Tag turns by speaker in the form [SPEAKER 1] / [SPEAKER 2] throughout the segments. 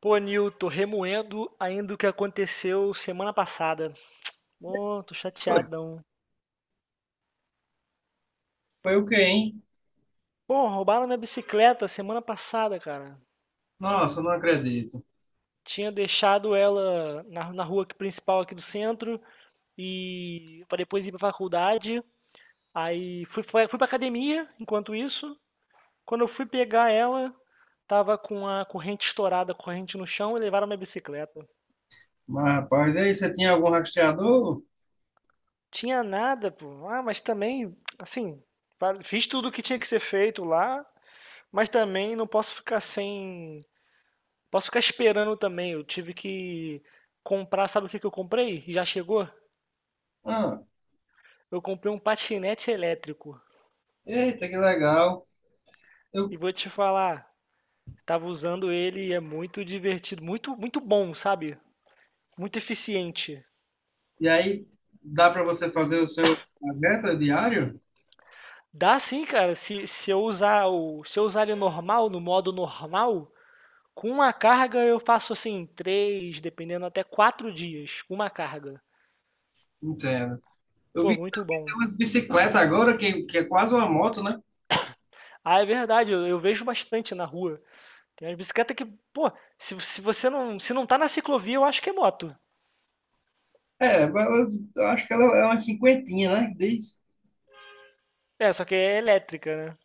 [SPEAKER 1] Pô, Nil, remoendo ainda o que aconteceu semana passada. Pô, tô
[SPEAKER 2] Foi
[SPEAKER 1] chateadão.
[SPEAKER 2] Foi o quê, hein?
[SPEAKER 1] Pô, roubaram minha bicicleta semana passada, cara.
[SPEAKER 2] Nossa, não acredito.
[SPEAKER 1] Tinha deixado ela na rua aqui- principal aqui do centro e para depois ir pra faculdade. Aí fui pra academia enquanto isso. Quando eu fui pegar ela, tava com a corrente estourada, a corrente no chão e levaram minha bicicleta.
[SPEAKER 2] Mas, rapaz, e aí, você tinha algum rastreador?
[SPEAKER 1] Tinha nada, pô. Ah, mas também, assim, fiz tudo o que tinha que ser feito lá. Mas também não posso ficar sem. Posso ficar esperando também. Eu tive que comprar, sabe o que que eu comprei? E já chegou?
[SPEAKER 2] Ah,
[SPEAKER 1] Eu comprei um patinete elétrico.
[SPEAKER 2] eita, que legal.
[SPEAKER 1] E
[SPEAKER 2] Eu,
[SPEAKER 1] vou te falar, estava usando ele e é muito divertido, muito, muito bom, sabe? Muito eficiente.
[SPEAKER 2] e aí, dá para você fazer o seu meta diário?
[SPEAKER 1] Dá sim, cara. Se eu usar o, se eu usar ele normal, no modo normal, com uma carga eu faço assim, três, dependendo até quatro dias, com uma carga.
[SPEAKER 2] Entendo. Eu
[SPEAKER 1] Pô,
[SPEAKER 2] vi que
[SPEAKER 1] muito bom.
[SPEAKER 2] tem umas bicicletas agora, que é quase uma moto, né?
[SPEAKER 1] Ah, é verdade, eu vejo bastante na rua. Tem umas bicicleta que, pô, se você não, se não tá na ciclovia, eu acho que é moto.
[SPEAKER 2] É, mas elas- eu acho que ela é uma cinquentinha, né? Diz.
[SPEAKER 1] É, só que é elétrica, né?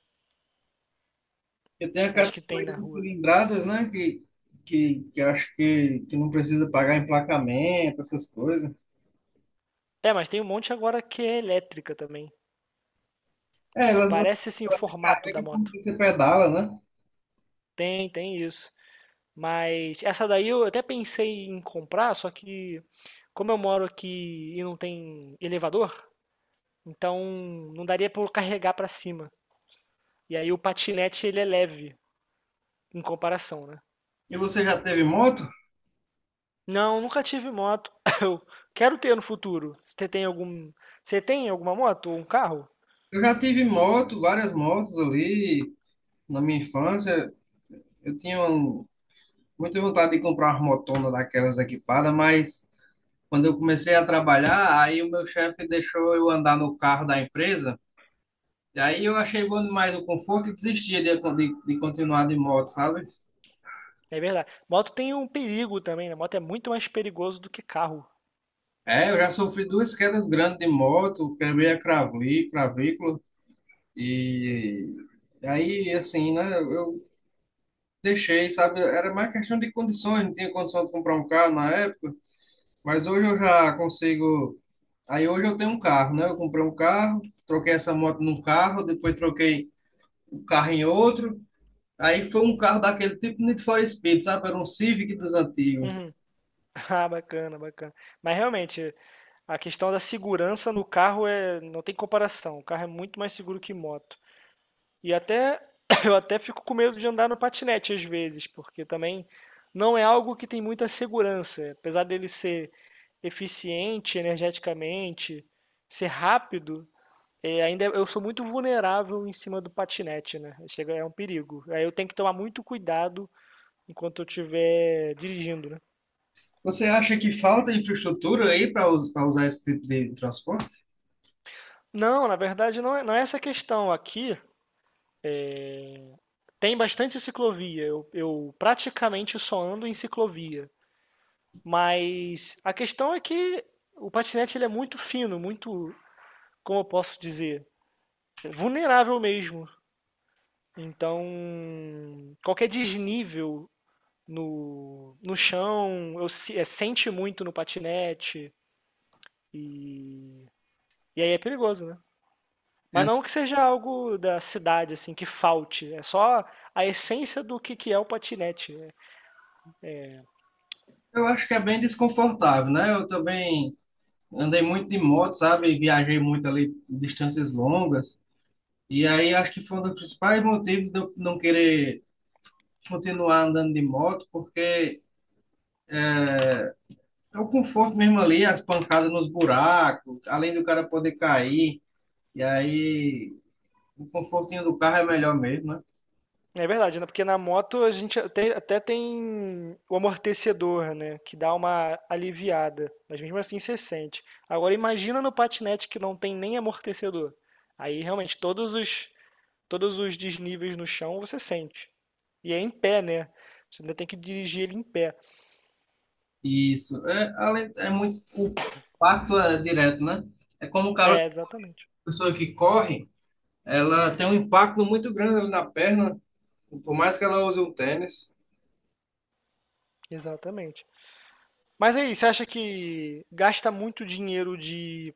[SPEAKER 2] Eu tenho a
[SPEAKER 1] Acho que tem
[SPEAKER 2] categoria
[SPEAKER 1] na
[SPEAKER 2] de
[SPEAKER 1] rua.
[SPEAKER 2] cilindradas, né? Que acho que não precisa pagar emplacamento, essas coisas.
[SPEAKER 1] É, mas tem um monte agora que é elétrica também,
[SPEAKER 2] É,
[SPEAKER 1] que
[SPEAKER 2] elas,
[SPEAKER 1] parece assim o
[SPEAKER 2] elas
[SPEAKER 1] formato da
[SPEAKER 2] se como
[SPEAKER 1] moto.
[SPEAKER 2] você pedala, né?
[SPEAKER 1] Tem isso. Mas essa daí eu até pensei em comprar, só que como eu moro aqui e não tem elevador, então não daria pra eu carregar pra cima. E aí o patinete ele é leve em comparação, né?
[SPEAKER 2] E você já teve moto?
[SPEAKER 1] Não, nunca tive moto. Eu quero ter no futuro. Você tem algum, você tem alguma moto ou um carro?
[SPEAKER 2] Eu já tive moto, várias motos ali na minha infância. Eu tinha um- muita vontade de comprar uma motona daquelas equipadas, mas quando eu comecei a trabalhar, aí o meu chefe deixou eu andar no carro da empresa. E aí eu achei bom demais o conforto e desisti de continuar de moto, sabe?
[SPEAKER 1] É verdade. Moto tem um perigo também, né? Moto é muito mais perigoso do que carro.
[SPEAKER 2] É, eu já sofri duas quedas grandes de moto, quebrei a craví- clavícula e aí, assim, né? Eu deixei, sabe? Era mais questão de condições, não tinha condição de comprar um carro na época, mas hoje eu já consigo. Aí hoje eu tenho um carro, né? Eu comprei um carro, troquei essa moto num carro, depois troquei o carro em outro. Aí foi um carro daquele tipo Need for Speed, sabe? Era um Civic dos antigos.
[SPEAKER 1] Uhum. Ah, bacana, bacana. Mas realmente, a questão da segurança no carro é, não tem comparação. O carro é muito mais seguro que moto. E até eu até fico com medo de andar no patinete às vezes, porque também não é algo que tem muita segurança, apesar dele ser eficiente energeticamente, ser rápido, é, ainda eu sou muito vulnerável em cima do patinete, né? Chega, é um perigo. Aí eu tenho que tomar muito cuidado enquanto eu estiver dirigindo, né?
[SPEAKER 2] Você acha que falta infraestrutura aí para usar esse tipo de transporte?
[SPEAKER 1] Não, na verdade não é, não é essa a questão. Aqui tem bastante ciclovia. Eu praticamente só ando em ciclovia. Mas a questão é que o patinete ele é muito fino, muito, como eu posso dizer, vulnerável mesmo. Então, qualquer desnível no chão, eu, se- é, sente muito no patinete. E, e aí é perigoso, né? Mas
[SPEAKER 2] É,
[SPEAKER 1] não que seja algo da cidade, assim, que falte. É só a essência do que é o patinete, né?
[SPEAKER 2] eu acho que é bem desconfortável, né? Eu também andei muito de moto, sabe? Viajei muito ali distâncias longas. E aí acho que foi um dos principais motivos de eu não querer continuar andando de moto, porque é o conforto mesmo ali, as pancadas nos buracos, além do cara poder cair, e aí o confortinho do carro é melhor mesmo, né?
[SPEAKER 1] É verdade, né? Porque na moto a gente até, até tem o amortecedor, né? Que dá uma aliviada. Mas mesmo assim você sente. Agora imagina no patinete que não tem nem amortecedor. Aí realmente todos os desníveis no chão você sente. E é em pé, né? Você ainda tem que dirigir ele em pé.
[SPEAKER 2] Isso. É, além, é muito, o impacto é direto, né? É como o cara,
[SPEAKER 1] É, exatamente.
[SPEAKER 2] a pessoa que corre, ela tem um impacto muito grande ali na perna, por mais que ela use um tênis.
[SPEAKER 1] Exatamente. Mas aí, você acha que gasta muito dinheiro de,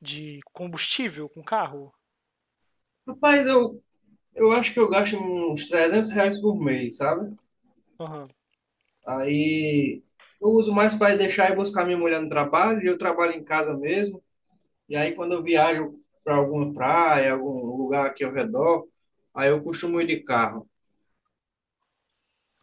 [SPEAKER 1] de combustível com carro?
[SPEAKER 2] Rapaz, eu acho que eu gasto uns R$ 300 por mês, sabe?
[SPEAKER 1] Aham.
[SPEAKER 2] Aí eu uso mais para deixar e buscar minha mulher no trabalho, e eu trabalho em casa mesmo. E aí quando eu viajo para alguma praia, algum lugar aqui ao redor, aí eu costumo ir de carro.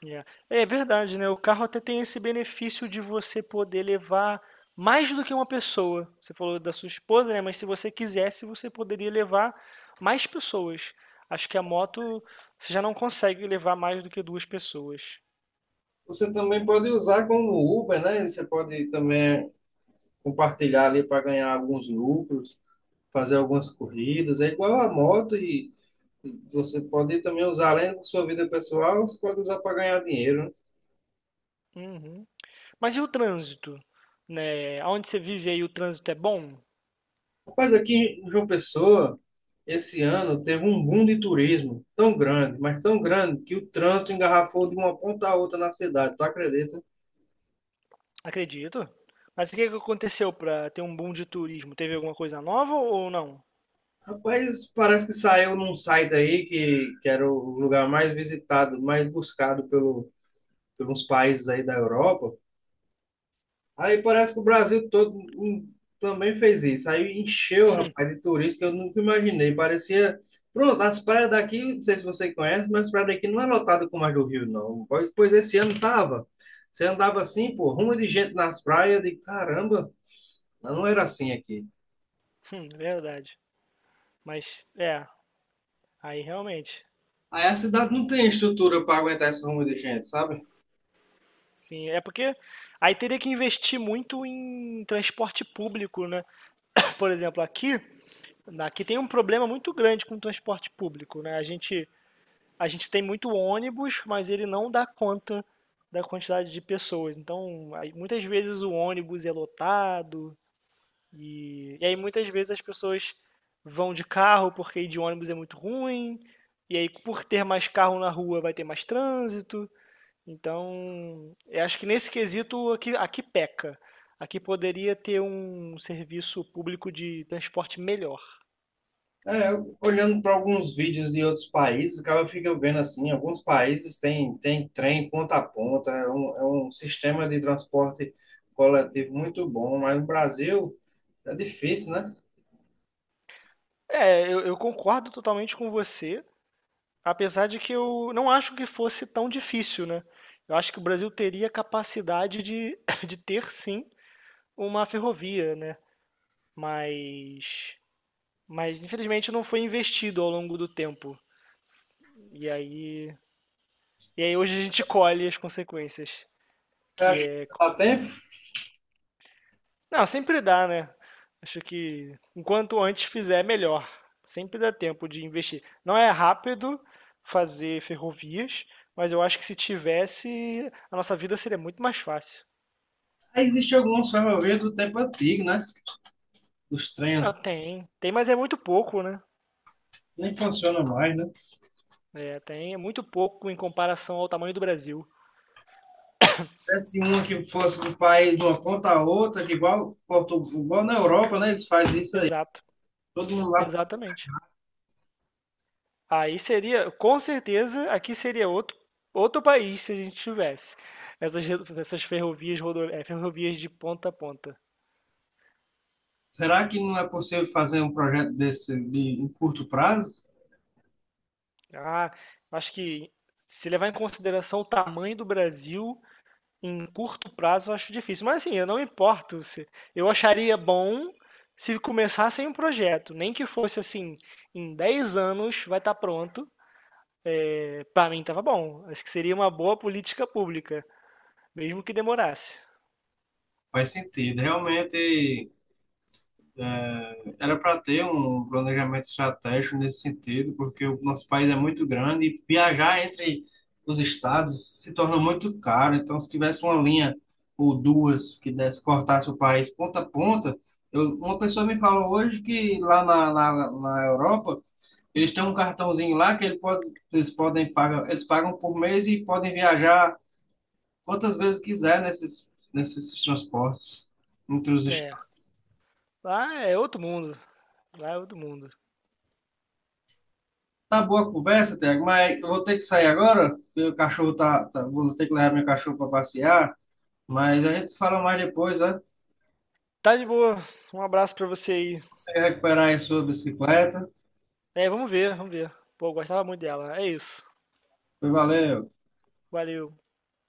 [SPEAKER 1] Yeah. É verdade, né? O carro até tem esse benefício de você poder levar mais do que uma pessoa. Você falou da sua esposa, né? Mas se você quisesse, você poderia levar mais pessoas. Acho que a moto você já não consegue levar mais do que duas pessoas.
[SPEAKER 2] Você também pode usar como Uber, né? Você pode também compartilhar ali para ganhar alguns lucros, fazer algumas corridas. É igual a moto e você pode também usar além da sua vida pessoal, você pode usar para ganhar dinheiro, né?
[SPEAKER 1] Uhum. Mas e o trânsito? Né? Onde você vive aí, o trânsito é bom?
[SPEAKER 2] Rapaz, aqui em João Pessoa, esse ano teve um boom de turismo tão grande, mas tão grande, que o trânsito engarrafou de uma ponta a outra na cidade, tu acredita?
[SPEAKER 1] Acredito. Mas o que que aconteceu para ter um boom de turismo? Teve alguma coisa nova ou não?
[SPEAKER 2] Rapaz, parece que saiu num site aí que era o lugar mais visitado, mais buscado pelo, pelos países aí da Europa. Aí parece que o Brasil todo também fez isso. Aí encheu, rapaz, de turista que eu nunca imaginei. Parecia. Pronto, as praias daqui, não sei se você conhece, mas as praias daqui não é lotada como as do Rio, não. Pois esse ano tava. Você andava assim, pô, rumo de gente nas praias, de caramba, não era assim aqui.
[SPEAKER 1] É verdade. Mas é, aí realmente.
[SPEAKER 2] Aí a cidade não tem estrutura para aguentar esse rumo de gente, sabe?
[SPEAKER 1] Sim, é porque aí teria que investir muito em transporte público, né? Por exemplo, aqui, aqui tem um problema muito grande com o transporte público, né? A gente tem muito ônibus, mas ele não dá conta da quantidade de pessoas. Então, aí, muitas vezes o ônibus é lotado e aí muitas vezes as pessoas vão de carro porque ir de ônibus é muito ruim. E aí, por ter mais carro na rua, vai ter mais trânsito. Então, eu acho que nesse quesito aqui, aqui peca. Aqui poderia ter um serviço público de transporte melhor.
[SPEAKER 2] É, eu- olhando para alguns vídeos de outros países, acaba fica vendo assim, alguns países têm tem trem ponta a ponta, é um sistema de transporte coletivo muito bom, mas no Brasil é difícil, né?
[SPEAKER 1] É, eu concordo totalmente com você. Apesar de que eu não acho que fosse tão difícil, né? Eu acho que o Brasil teria capacidade de, de ter sim uma ferrovia, né? Mas, mas infelizmente não foi investido ao longo do tempo. E aí, e aí hoje a gente colhe as consequências,
[SPEAKER 2] Eu
[SPEAKER 1] que
[SPEAKER 2] acho que
[SPEAKER 1] é,
[SPEAKER 2] dá tempo.
[SPEAKER 1] não, sempre dá, né? Acho que enquanto antes fizer, melhor. Sempre dá tempo de investir. Não é rápido fazer ferrovias, mas eu acho que se tivesse, a nossa vida seria muito mais fácil.
[SPEAKER 2] Aí existem algumas ferrovias do tempo antigo, né? Os
[SPEAKER 1] Ah,
[SPEAKER 2] trens
[SPEAKER 1] tem, tem, mas é muito pouco, né?
[SPEAKER 2] nem funcionam mais, né?
[SPEAKER 1] É, tem, é muito pouco em comparação ao tamanho do Brasil.
[SPEAKER 2] Se uma que fosse do país de uma ponta a outra, que igual, Porto- igual na Europa, né? Eles fazem isso aí.
[SPEAKER 1] Exato,
[SPEAKER 2] Todo mundo lá.
[SPEAKER 1] exatamente. Aí seria, com certeza, aqui seria outro, outro país se a gente tivesse essas, re- essas ferrovias, rodo, é, ferrovias de ponta a ponta.
[SPEAKER 2] Será que não é possível fazer um projeto desse de, em curto prazo?
[SPEAKER 1] Ah, acho que se levar em consideração o tamanho do Brasil, em curto prazo eu acho difícil, mas assim, eu não me importo se eu acharia bom se começassem um projeto, nem que fosse assim, em 10 anos vai estar pronto. É, para mim tava bom. Acho que seria uma boa política pública, mesmo que demorasse.
[SPEAKER 2] Faz sentido. Realmente era para ter um planejamento estratégico nesse sentido, porque o nosso país é muito grande e viajar entre os estados se torna muito caro. Então, se tivesse uma linha ou duas que desse, cortasse o país ponta a ponta, eu, uma pessoa me falou hoje que lá na Europa eles têm um cartãozinho lá que ele pode, eles podem pagar, eles pagam por mês e podem viajar quantas vezes quiser nesses transportes entre os
[SPEAKER 1] É, lá é outro mundo, lá é outro mundo.
[SPEAKER 2] Tá boa a conversa, Tiago, mas eu vou ter que sair agora, porque o cachorro tá, tá- Vou ter que levar meu cachorro para passear, mas a gente fala mais depois, né?
[SPEAKER 1] Tá de boa. Um abraço pra você aí.
[SPEAKER 2] Você recuperar aí sua bicicleta.
[SPEAKER 1] É, vamos ver, vamos ver. Pô, eu gostava muito dela. É isso.
[SPEAKER 2] Valeu.
[SPEAKER 1] Valeu.